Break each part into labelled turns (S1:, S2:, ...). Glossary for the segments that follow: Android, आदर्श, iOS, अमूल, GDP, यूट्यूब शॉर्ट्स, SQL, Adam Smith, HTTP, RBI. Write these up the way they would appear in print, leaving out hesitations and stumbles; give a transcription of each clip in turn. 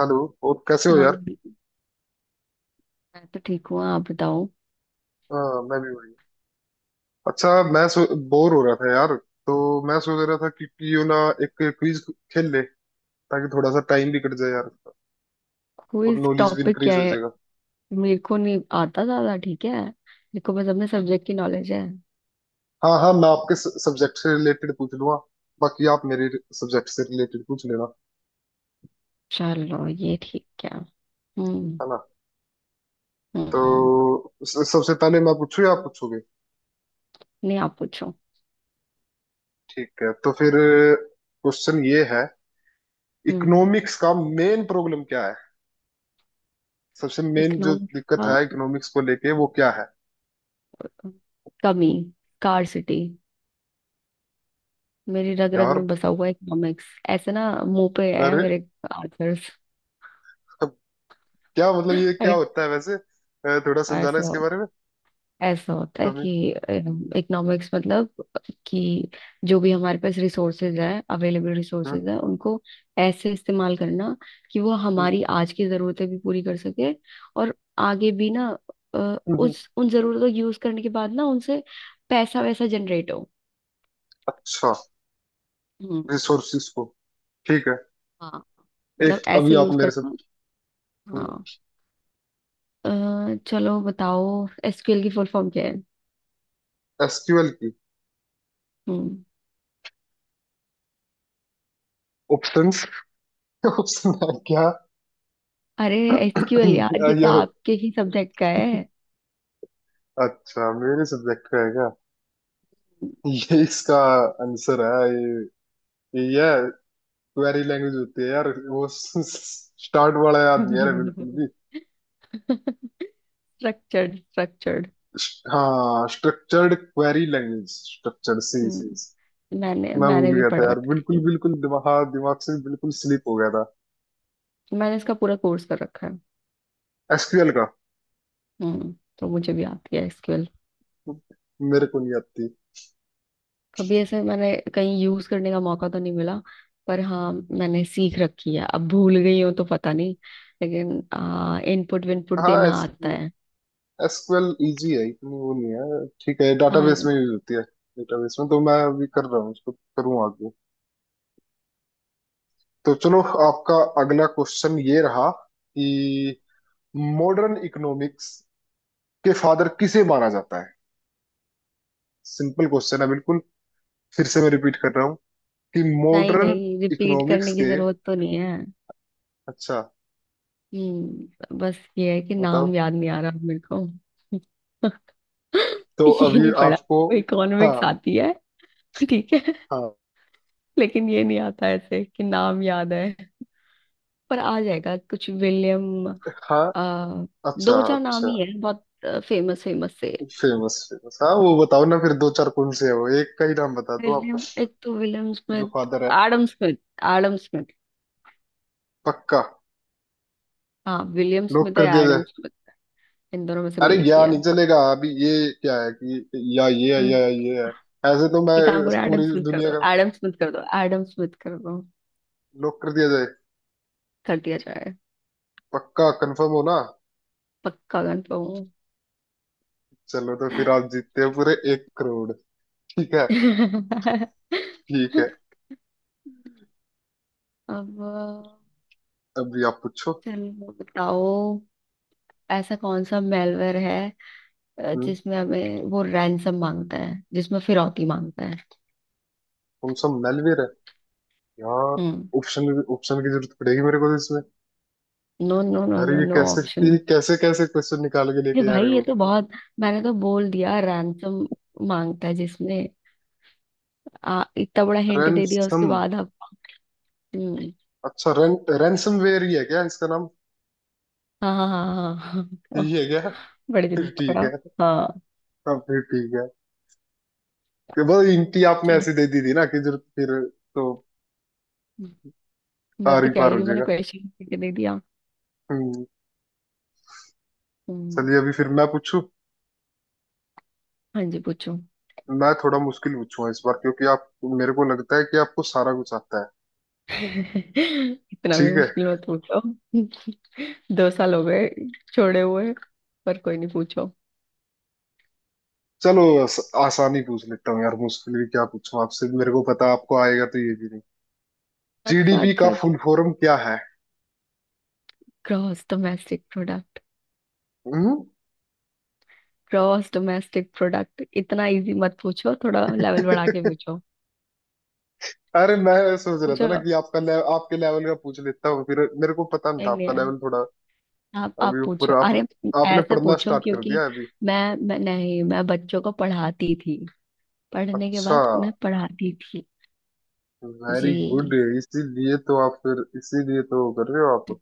S1: Hello. और कैसे हो
S2: हाँ,
S1: यार?
S2: मैं तो ठीक हूँ। आप बताओ।
S1: हाँ, मैं भी बढ़िया। अच्छा, मैं बोर हो रहा था यार। तो मैं सोच रहा था कि क्यों ना एक क्विज खेल ले, ताकि थोड़ा सा टाइम भी कट जाए यार और
S2: क्विज
S1: नॉलेज भी
S2: टॉपिक
S1: इंक्रीज
S2: क्या
S1: हो
S2: है?
S1: जाएगा।
S2: मेरे को नहीं आता ज्यादा। ठीक है, मेरे को बस अपने सब्जेक्ट की नॉलेज है।
S1: हाँ हाँ मैं आपके सब्जेक्ट से रिलेटेड पूछ लूंगा, बाकी आप मेरे सब्जेक्ट से रिलेटेड पूछ लेना।
S2: चलो, ये ठीक है। हम्म।
S1: है ना?
S2: हम्म।
S1: तो सबसे पहले मैं पूछूं या आप पूछोगे?
S2: नहीं, आप पूछो।
S1: ठीक है, तो फिर क्वेश्चन ये है,
S2: हम्म।
S1: इकोनॉमिक्स का मेन प्रॉब्लम क्या है? सबसे मेन जो
S2: इकोनॉमिक्स
S1: दिक्कत
S2: का।
S1: है इकोनॉमिक्स को लेके वो क्या है
S2: कमी। स्कार्सिटी। मेरी रग रग
S1: यार?
S2: में बसा हुआ इकोनॉमिक्स। ऐसे ना मुंह पे है मेरे आंसर्स।
S1: तब क्या मतलब, ये क्या
S2: अरे,
S1: होता है वैसे, थोड़ा समझाना
S2: ऐसा
S1: इसके बारे में
S2: ऐसा होता है
S1: कभी।
S2: कि इकोनॉमिक्स मतलब कि जो भी हमारे पास रिसोर्सेज है अवेलेबल
S1: हाँ।
S2: रिसोर्सेज है उनको ऐसे इस्तेमाल करना कि वो
S1: हम्म।
S2: हमारी आज की ज़रूरतें भी पूरी कर सके, और आगे भी ना
S1: हम्म। हम्म।
S2: उस उन ज़रूरतों को यूज़ करने के बाद ना उनसे पैसा वैसा जनरेट हो।
S1: अच्छा,
S2: हम्म।
S1: रिसोर्सिस को, ठीक है।
S2: हाँ, मतलब
S1: एक अभी
S2: ऐसे
S1: आप
S2: यूज़
S1: मेरे
S2: करना।
S1: साथ। हम्म।
S2: हाँ। अ, चलो बताओ, SQL की फुल फॉर्म क्या है?
S1: एसक्यूएल की
S2: हम्म।
S1: ऑप्शंस, ऑप्शन है क्या?
S2: अरे, SQL यार,
S1: अ,
S2: ये
S1: ये
S2: तो
S1: हो-
S2: आपके ही सब्जेक्ट का है।
S1: अच्छा, मेरे सब्जेक्ट का है क्या? ये इसका आंसर है, ये है क्वेरी लैंग्वेज होती है यार वो। स्टार्ट वाला याद नहीं यार बिल्कुल भी।
S2: स्ट्रक्चर्ड। स्ट्रक्चर्ड।
S1: हाँ, स्ट्रक्चर्ड क्वेरी लैंग्वेज, स्ट्रक्चर, सी सी।
S2: हम्म। मैंने
S1: मैं भूल
S2: मैंने भी
S1: गया
S2: पढ़
S1: था यार,
S2: रखा है
S1: बिल्कुल
S2: ये।
S1: बिल्कुल दिमाग, हाँ दिमाग से बिल्कुल स्लिप हो गया था।
S2: मैंने इसका पूरा कोर्स कर रखा है।
S1: एसक्यूएल का?
S2: हम्म। तो मुझे भी आती है SQL।
S1: मेरे को नहीं आती।
S2: कभी ऐसे मैंने कहीं यूज करने का मौका तो नहीं मिला। पर हाँ, मैंने सीख रखी है। अब भूल गई हूँ तो पता नहीं। लेकिन इनपुट विनपुट
S1: हाँ,
S2: देना आता है।
S1: एसक्यूएल इजी है, इतनी वो नहीं है, ठीक है, डाटाबेस
S2: हाँ।
S1: में यूज होती है। डेटाबेस में तो मैं अभी कर रहा हूँ उसको, करूँ आगे। तो चलो, आपका अगला क्वेश्चन ये रहा कि मॉडर्न इकोनॉमिक्स के फादर किसे माना जाता है। सिंपल क्वेश्चन है बिल्कुल। फिर से मैं रिपीट कर रहा हूँ कि
S2: नहीं
S1: मॉडर्न
S2: नहीं, रिपीट
S1: इकोनॉमिक्स
S2: करने की
S1: के।
S2: जरूरत तो नहीं है।
S1: अच्छा,
S2: हम्म, बस ये है कि
S1: बताओ
S2: नाम याद नहीं आ रहा अब मेरे को।
S1: तो
S2: ये
S1: अभी
S2: नहीं पढ़ा
S1: आपको।
S2: मेरे को। इकोनॉमिक्स
S1: हाँ।
S2: आती है। ठीक है। लेकिन ये नहीं आता ऐसे कि नाम याद है। पर आ जाएगा, कुछ विलियम।
S1: हाँ।
S2: आ,
S1: अच्छा
S2: दो चार नाम
S1: अच्छा।
S2: ही है बहुत। फेमस फेमस से।
S1: फेमस फेमस, हाँ वो बताओ ना फिर। दो चार कौन से है वो? एक का ही नाम बता दो आप,
S2: विलियम, एक तो विलियम
S1: जो
S2: स्मिथ।
S1: फादर है।
S2: Adam Smith. Adam Smith.
S1: पक्का?
S2: हाँ, विलियम
S1: लॉक
S2: स्मिथ है
S1: कर दिया जाए?
S2: Adam Smith. इन दोनों में से कोई
S1: अरे
S2: एक ही
S1: या
S2: है।
S1: नहीं चलेगा अभी ये। क्या है कि या ये है
S2: हम्म।
S1: या ये है, ऐसे तो मैं।
S2: एक काम करो,
S1: इस
S2: एडम
S1: पूरी
S2: स्मिथ कर
S1: दुनिया
S2: दो,
S1: का
S2: एडम स्मिथ कर दो, एडम स्मिथ कर दो।
S1: लॉक कर दिया जाए।
S2: कर दिया जाए।
S1: पक्का कंफर्म हो ना?
S2: पक्का कंफर्म हूँ।
S1: चलो तो फिर आप जीतते हैं पूरे 1 करोड़। ठीक है। ठीक है,
S2: अब
S1: अभी आप पूछो।
S2: चलो बताओ, ऐसा कौन सा मेलवेयर है
S1: हम्म।
S2: जिसमें हमें वो रैंसम मांगता है, जिसमें फिरौती मांगता है?
S1: कौन सा मेलवेयर है यार?
S2: हम्म।
S1: ऑप्शन, ऑप्शन की जरूरत पड़ेगी मेरे को तो।
S2: नो नो नो
S1: अरे
S2: नो
S1: ये
S2: नो
S1: कैसे,
S2: ऑप्शन।
S1: ये कैसे कैसे क्वेश्चन निकाल के
S2: ये
S1: लेके आ रहे
S2: भाई, ये
S1: हो?
S2: तो बहुत। मैंने तो बोल दिया रैंसम मांगता है जिसमें। इतना बड़ा हिंट दे दिया उसके
S1: रैनसम?
S2: बाद आप। हम्म।
S1: अच्छा, रैनसमवेयर ही है क्या इसका नाम?
S2: हाँ हाँ हाँ हाँ हाँ,
S1: यही
S2: हाँ,
S1: है क्या?
S2: बड़े दिन
S1: फिर ठीक
S2: पकड़ा।
S1: है।
S2: हाँ,
S1: हाँ फिर ठीक है। कि बस इंटी आपने
S2: चलो।
S1: ऐसी दे दी थी ना कि जरूर फिर तो
S2: हम्म, मैं
S1: पार
S2: तो
S1: ही
S2: कह ही
S1: पार
S2: रही
S1: हो
S2: हूँ, मैंने
S1: जाएगा।
S2: क्वेश्चन दे दिया।
S1: हम्म।
S2: हम्म।
S1: चलिए, अभी फिर मैं पूछूं।
S2: हाँ जी, पूछो।
S1: मैं थोड़ा मुश्किल पूछूंगा इस बार, क्योंकि आप, मेरे को लगता है कि आपको सारा कुछ आता है।
S2: इतना भी
S1: ठीक है,
S2: मुश्किल मत पूछो। 2 साल हो गए छोड़े हुए। पर कोई नहीं, पूछो।
S1: चलो आसानी पूछ लेता हूँ यार। मुश्किल भी क्या पूछूं आपसे, मेरे को पता आपको आएगा, तो ये भी नहीं।
S2: अच्छा
S1: जीडीपी
S2: अच्छा
S1: का
S2: अच्छा।
S1: फुल फॉर्म क्या है?
S2: Gross domestic product.
S1: हम्म।
S2: ग्रॉस डोमेस्टिक प्रोडक्ट, इतना इजी मत पूछो, थोड़ा लेवल बढ़ा के पूछो।
S1: अरे मैं सोच रहा था
S2: पूछो।
S1: ना कि आपका आपके लेवल का पूछ लेता हूँ, फिर मेरे को पता नहीं था
S2: नहीं नहीं
S1: आपका
S2: यार,
S1: लेवल थोड़ा
S2: आप
S1: अभी
S2: आप
S1: ऊपर।
S2: पूछो,
S1: आप,
S2: अरे।
S1: आपने
S2: ऐसे
S1: पढ़ना
S2: पूछो
S1: स्टार्ट कर
S2: क्योंकि
S1: दिया अभी?
S2: मैं मैं नहीं, मैं बच्चों को पढ़ाती थी। पढ़ने के
S1: अच्छा,
S2: बाद उन्हें पढ़ाती थी।
S1: वेरी गुड,
S2: जी।
S1: इसीलिए तो आप फिर, इसीलिए तो वो कर रहे हो आप,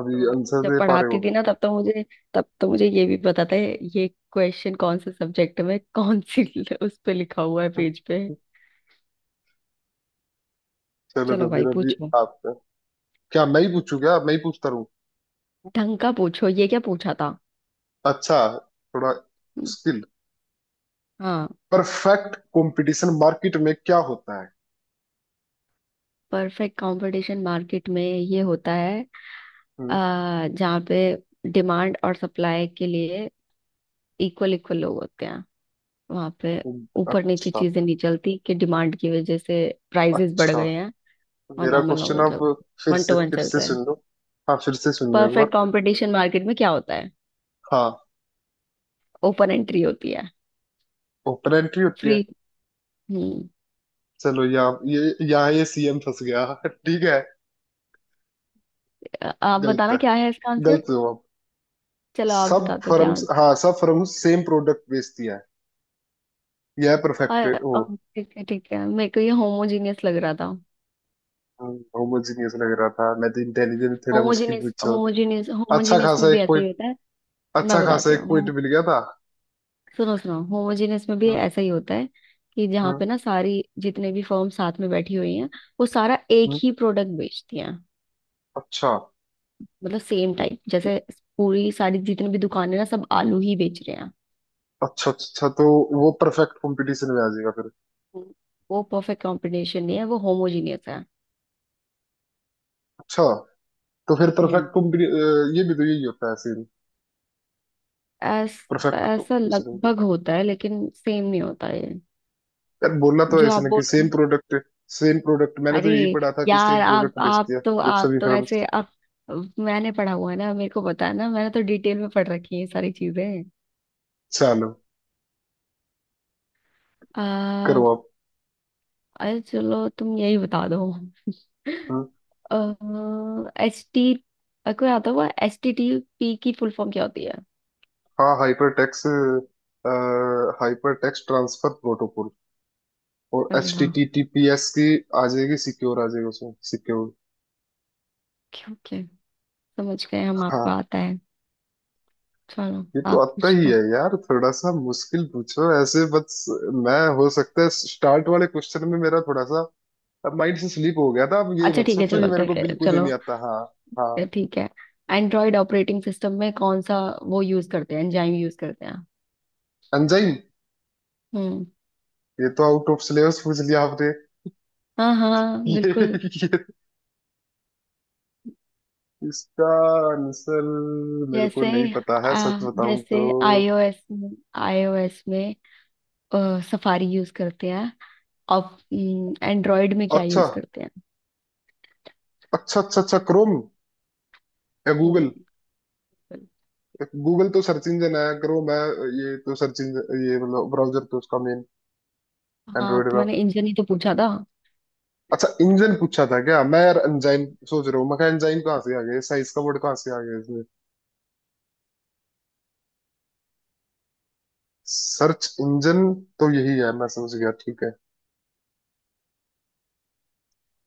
S1: अभी
S2: तो
S1: आंसर
S2: जब
S1: दे पा रहे
S2: पढ़ाती
S1: हो।
S2: थी ना, तब तो मुझे ये भी पता था, ये क्वेश्चन कौन से सब्जेक्ट में कौन सी, उस पे लिखा हुआ है पेज पे।
S1: चलो तो
S2: चलो भाई,
S1: फिर अभी
S2: पूछो।
S1: आपका, क्या मैं ही पूछूं, क्या मैं ही पूछता रहूं?
S2: ढंग का पूछो, ये क्या पूछा था?
S1: अच्छा, थोड़ा
S2: हम्म।
S1: मुश्किल।
S2: हाँ।
S1: परफेक्ट कंपटीशन मार्केट में क्या होता है?
S2: परफेक्ट कंपटीशन मार्केट में ये होता है, आ
S1: हम्म।
S2: जहाँ पे डिमांड और सप्लाई के लिए इक्वल इक्वल लोग होते हैं। वहां पे ऊपर नीचे
S1: अच्छा
S2: चीजें नहीं चलती कि डिमांड की वजह से प्राइसेस बढ़
S1: अच्छा।
S2: गए हैं। और
S1: मेरा
S2: नॉर्मल
S1: क्वेश्चन
S2: नॉर्मल चल,
S1: आप फिर
S2: वन
S1: से
S2: टू वन
S1: फिर
S2: चल
S1: से
S2: रहा है।
S1: सुन लो। हाँ, फिर से सुन लो एक
S2: परफेक्ट
S1: बार।
S2: कंपटीशन मार्केट में क्या होता है?
S1: हाँ,
S2: ओपन एंट्री होती है।
S1: ओपन एंट्री होती
S2: फ्री।
S1: है?
S2: हम्म।
S1: चलो, यहाँ ये सीएम फंस गया। ठीक है।
S2: आप
S1: गलत
S2: बताना,
S1: है,
S2: क्या है इसका आंसर?
S1: गलत हो आप।
S2: चलो आप
S1: सब
S2: बता दो क्या।
S1: फर्म्स, हाँ सब फर्म्स सेम प्रोडक्ट बेचती हैं, यह परफेक्ट।
S2: और
S1: ओ,
S2: और ठीक है ठीक है, मेरे को ये होमोजीनियस लग रहा था।
S1: होमोजीनियस लग रहा था, मैं तो इंटेलिजेंट थोड़ा मुश्किल
S2: होमोजीनियस
S1: पूछा।
S2: होमोजीनियस
S1: अच्छा
S2: होमोजीनियस में
S1: खासा
S2: भी
S1: एक
S2: ऐसा ही
S1: पॉइंट,
S2: होता है। मैं
S1: अच्छा खासा
S2: बताती
S1: एक
S2: हूँ
S1: पॉइंट मिल गया था।
S2: सुनो सुनो, होमोजीनियस में भी
S1: हम्म।
S2: ऐसा ही होता है कि जहाँ
S1: हम्म।
S2: पे ना सारी, जितने भी फर्म साथ में बैठी हुई हैं, वो सारा एक
S1: हम्म।
S2: ही प्रोडक्ट बेचती हैं।
S1: अच्छा
S2: मतलब सेम टाइप, जैसे पूरी सारी जितनी भी दुकानें ना, सब आलू ही बेच रहे हैं।
S1: अच्छा अच्छा अच्छा, तो वो परफेक्ट कंपटीशन में आ जाएगा फिर।
S2: हम्म। वो परफेक्ट कॉम्बिनेशन नहीं है, वो होमोजीनियस है।
S1: अच्छा, तो फिर परफेक्ट
S2: हम्म।
S1: ये भी तो यही होता है सेम,
S2: ऐस,
S1: परफेक्ट
S2: ऐसा
S1: कंपटीशन।
S2: लगभग होता है लेकिन सेम नहीं होता ये।
S1: यार बोलना तो
S2: जो
S1: ऐसे
S2: आप
S1: ना कि
S2: बोल,
S1: सेम प्रोडक्ट, सेम प्रोडक्ट। मैंने तो
S2: अरे
S1: यही पढ़ा था कि
S2: यार,
S1: सेम प्रोडक्ट
S2: आप
S1: बेच
S2: आप
S1: दिया
S2: तो
S1: जब
S2: आप
S1: सभी
S2: तो
S1: फर्म।
S2: ऐसे आप। मैंने पढ़ा हुआ है ना, मेरे को पता है ना, मैंने तो डिटेल में पढ़ रखी है ये सारी चीजें।
S1: चलो,
S2: आ,
S1: करो आप।
S2: अरे चलो, तुम यही बता दो।
S1: हम्म।
S2: एच टी कोई आता हुआ HTTP की फुल फॉर्म क्या होती है?
S1: हाँ, हाइपर टेक्स्ट ट्रांसफर प्रोटोकॉल। और
S2: अरे
S1: एच टी
S2: वाह!
S1: टी टी पी एस की आ जाएगी सिक्योर, आ जाएगी उसमें सिक्योर।
S2: क्यों, क्या? समझ गए हम, आपको
S1: हाँ,
S2: आता है। चलो।
S1: ये तो
S2: आप
S1: आता
S2: पूछ
S1: ही
S2: लो।
S1: है यार, थोड़ा सा मुश्किल पूछो ऐसे बस। मैं, हो सकता है स्टार्ट वाले क्वेश्चन में मेरा थोड़ा सा, अब माइंड से स्लिप हो गया था, अब ये
S2: अच्छा
S1: मत
S2: ठीक है,
S1: सोचो कि
S2: चलो।
S1: मेरे को
S2: ठीक है,
S1: बिल्कुल ही
S2: चलो।
S1: नहीं आता। हाँ। हाँ,
S2: ठीक है, एंड्रॉइड ऑपरेटिंग सिस्टम में कौन सा वो यूज करते हैं, एंजाइम यूज करते हैं?
S1: अंजाइन?
S2: हम्म,
S1: ये तो आउट ऑफ सिलेबस पूछ लिया आपने।
S2: हाँ हाँ
S1: ये
S2: बिल्कुल।
S1: ये, इसका आंसर मेरे को
S2: जैसे
S1: नहीं पता है, सच
S2: आ,
S1: बताऊं तो।
S2: जैसे आईओएस में आईओएस में सफारी यूज करते हैं, और एंड्रॉयड में क्या
S1: अच्छा
S2: यूज करते हैं?
S1: अच्छा अच्छा अच्छा, क्रोम या गूगल?
S2: हम्म, बिल्कुल।
S1: गूगल तो सर्च इंजन है, क्रोम है, ये तो सर्च इंजन, ये मतलब ब्राउजर तो उसका मेन,
S2: हाँ,
S1: एंड्रॉइड
S2: तो
S1: का।
S2: मैंने इंजन ही तो पूछा था।
S1: अच्छा, इंजन पूछा था क्या? मैं यार एंजाइन सोच रहा हूँ, मैं एंजाइन कहाँ से आ गया, साइज का वर्ड कहाँ से आ गया। सर्च इंजन तो यही है, मैं समझ गया, ठीक है।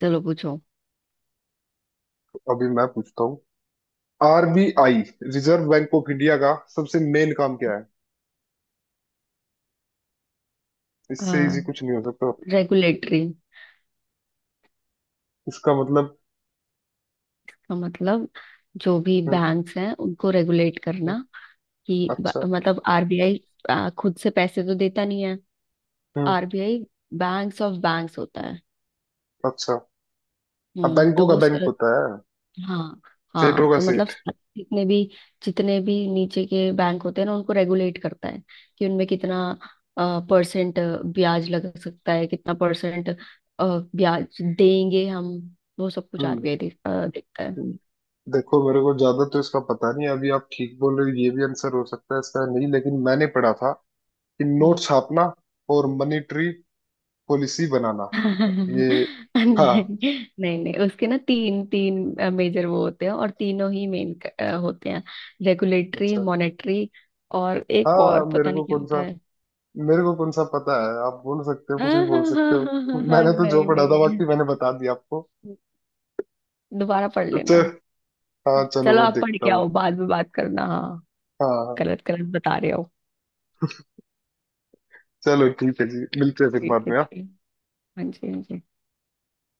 S2: चलो पूछो।
S1: तो अभी मैं पूछता हूँ, RBI, reserve bank of India का सबसे मेन काम क्या है? इससे इजी कुछ नहीं हो सकता।
S2: रेगुलेटरी
S1: इसका मतलब?
S2: का मतलब, जो भी
S1: हम्म।
S2: बैंक्स हैं उनको रेगुलेट
S1: हम्म।
S2: करना। कि
S1: अच्छा।
S2: मतलब RBI खुद से पैसे तो देता नहीं है।
S1: हम्म।
S2: RBI बैंक्स ऑफ बैंक्स होता है।
S1: अच्छा, अब
S2: हम्म,
S1: बैंकों
S2: तो
S1: का
S2: वो।
S1: बैंक होता है,
S2: हाँ हाँ,
S1: सेठों का
S2: तो मतलब
S1: सेठ।
S2: जितने भी नीचे के बैंक होते हैं ना, उनको रेगुलेट करता है। कि उनमें कितना परसेंट ब्याज लग सकता है, कितना परसेंट ब्याज देंगे हम, वो सब कुछ
S1: हम्म।
S2: RBI देखता है।
S1: हम्म। देखो, मेरे को ज्यादा तो इसका पता नहीं है, अभी आप ठीक बोल रहे हो, ये भी आंसर हो सकता है इसका, नहीं लेकिन मैंने पढ़ा था कि नोट
S2: हम्म।
S1: छापना और मॉनेटरी पॉलिसी बनाना, ये। हाँ।
S2: नहीं नहीं नहीं, उसके ना तीन तीन मेजर वो होते हैं, और तीनों ही मेन होते हैं। रेगुलेटरी,
S1: अच्छा।
S2: मॉनेटरी, और एक और
S1: हाँ,
S2: पता नहीं क्या होता है।
S1: मेरे को कौन सा पता है, आप बोल सकते हो,
S2: हाँ
S1: कुछ भी बोल
S2: हाँ हाँ
S1: सकते
S2: हाँ
S1: हो।
S2: हाँ हाँ, हाँ,
S1: मैंने तो जो
S2: नहीं
S1: पढ़ा था
S2: नहीं,
S1: बाकी मैंने बता दिया आपको।
S2: दोबारा पढ़
S1: तो
S2: लेना।
S1: हाँ चलो
S2: चलो,
S1: मैं
S2: आप पढ़
S1: देखता
S2: के
S1: हूँ।
S2: आओ, बाद में बात करना, हाँ।
S1: हाँ हाँ, हाँ।
S2: गलत गलत बता रहे हो।
S1: चलो ठीक है जी, मिलते हैं फिर
S2: ठीक
S1: बाद
S2: है,
S1: में, हाँ?
S2: ठीक। हाँ जी। हाँ जी।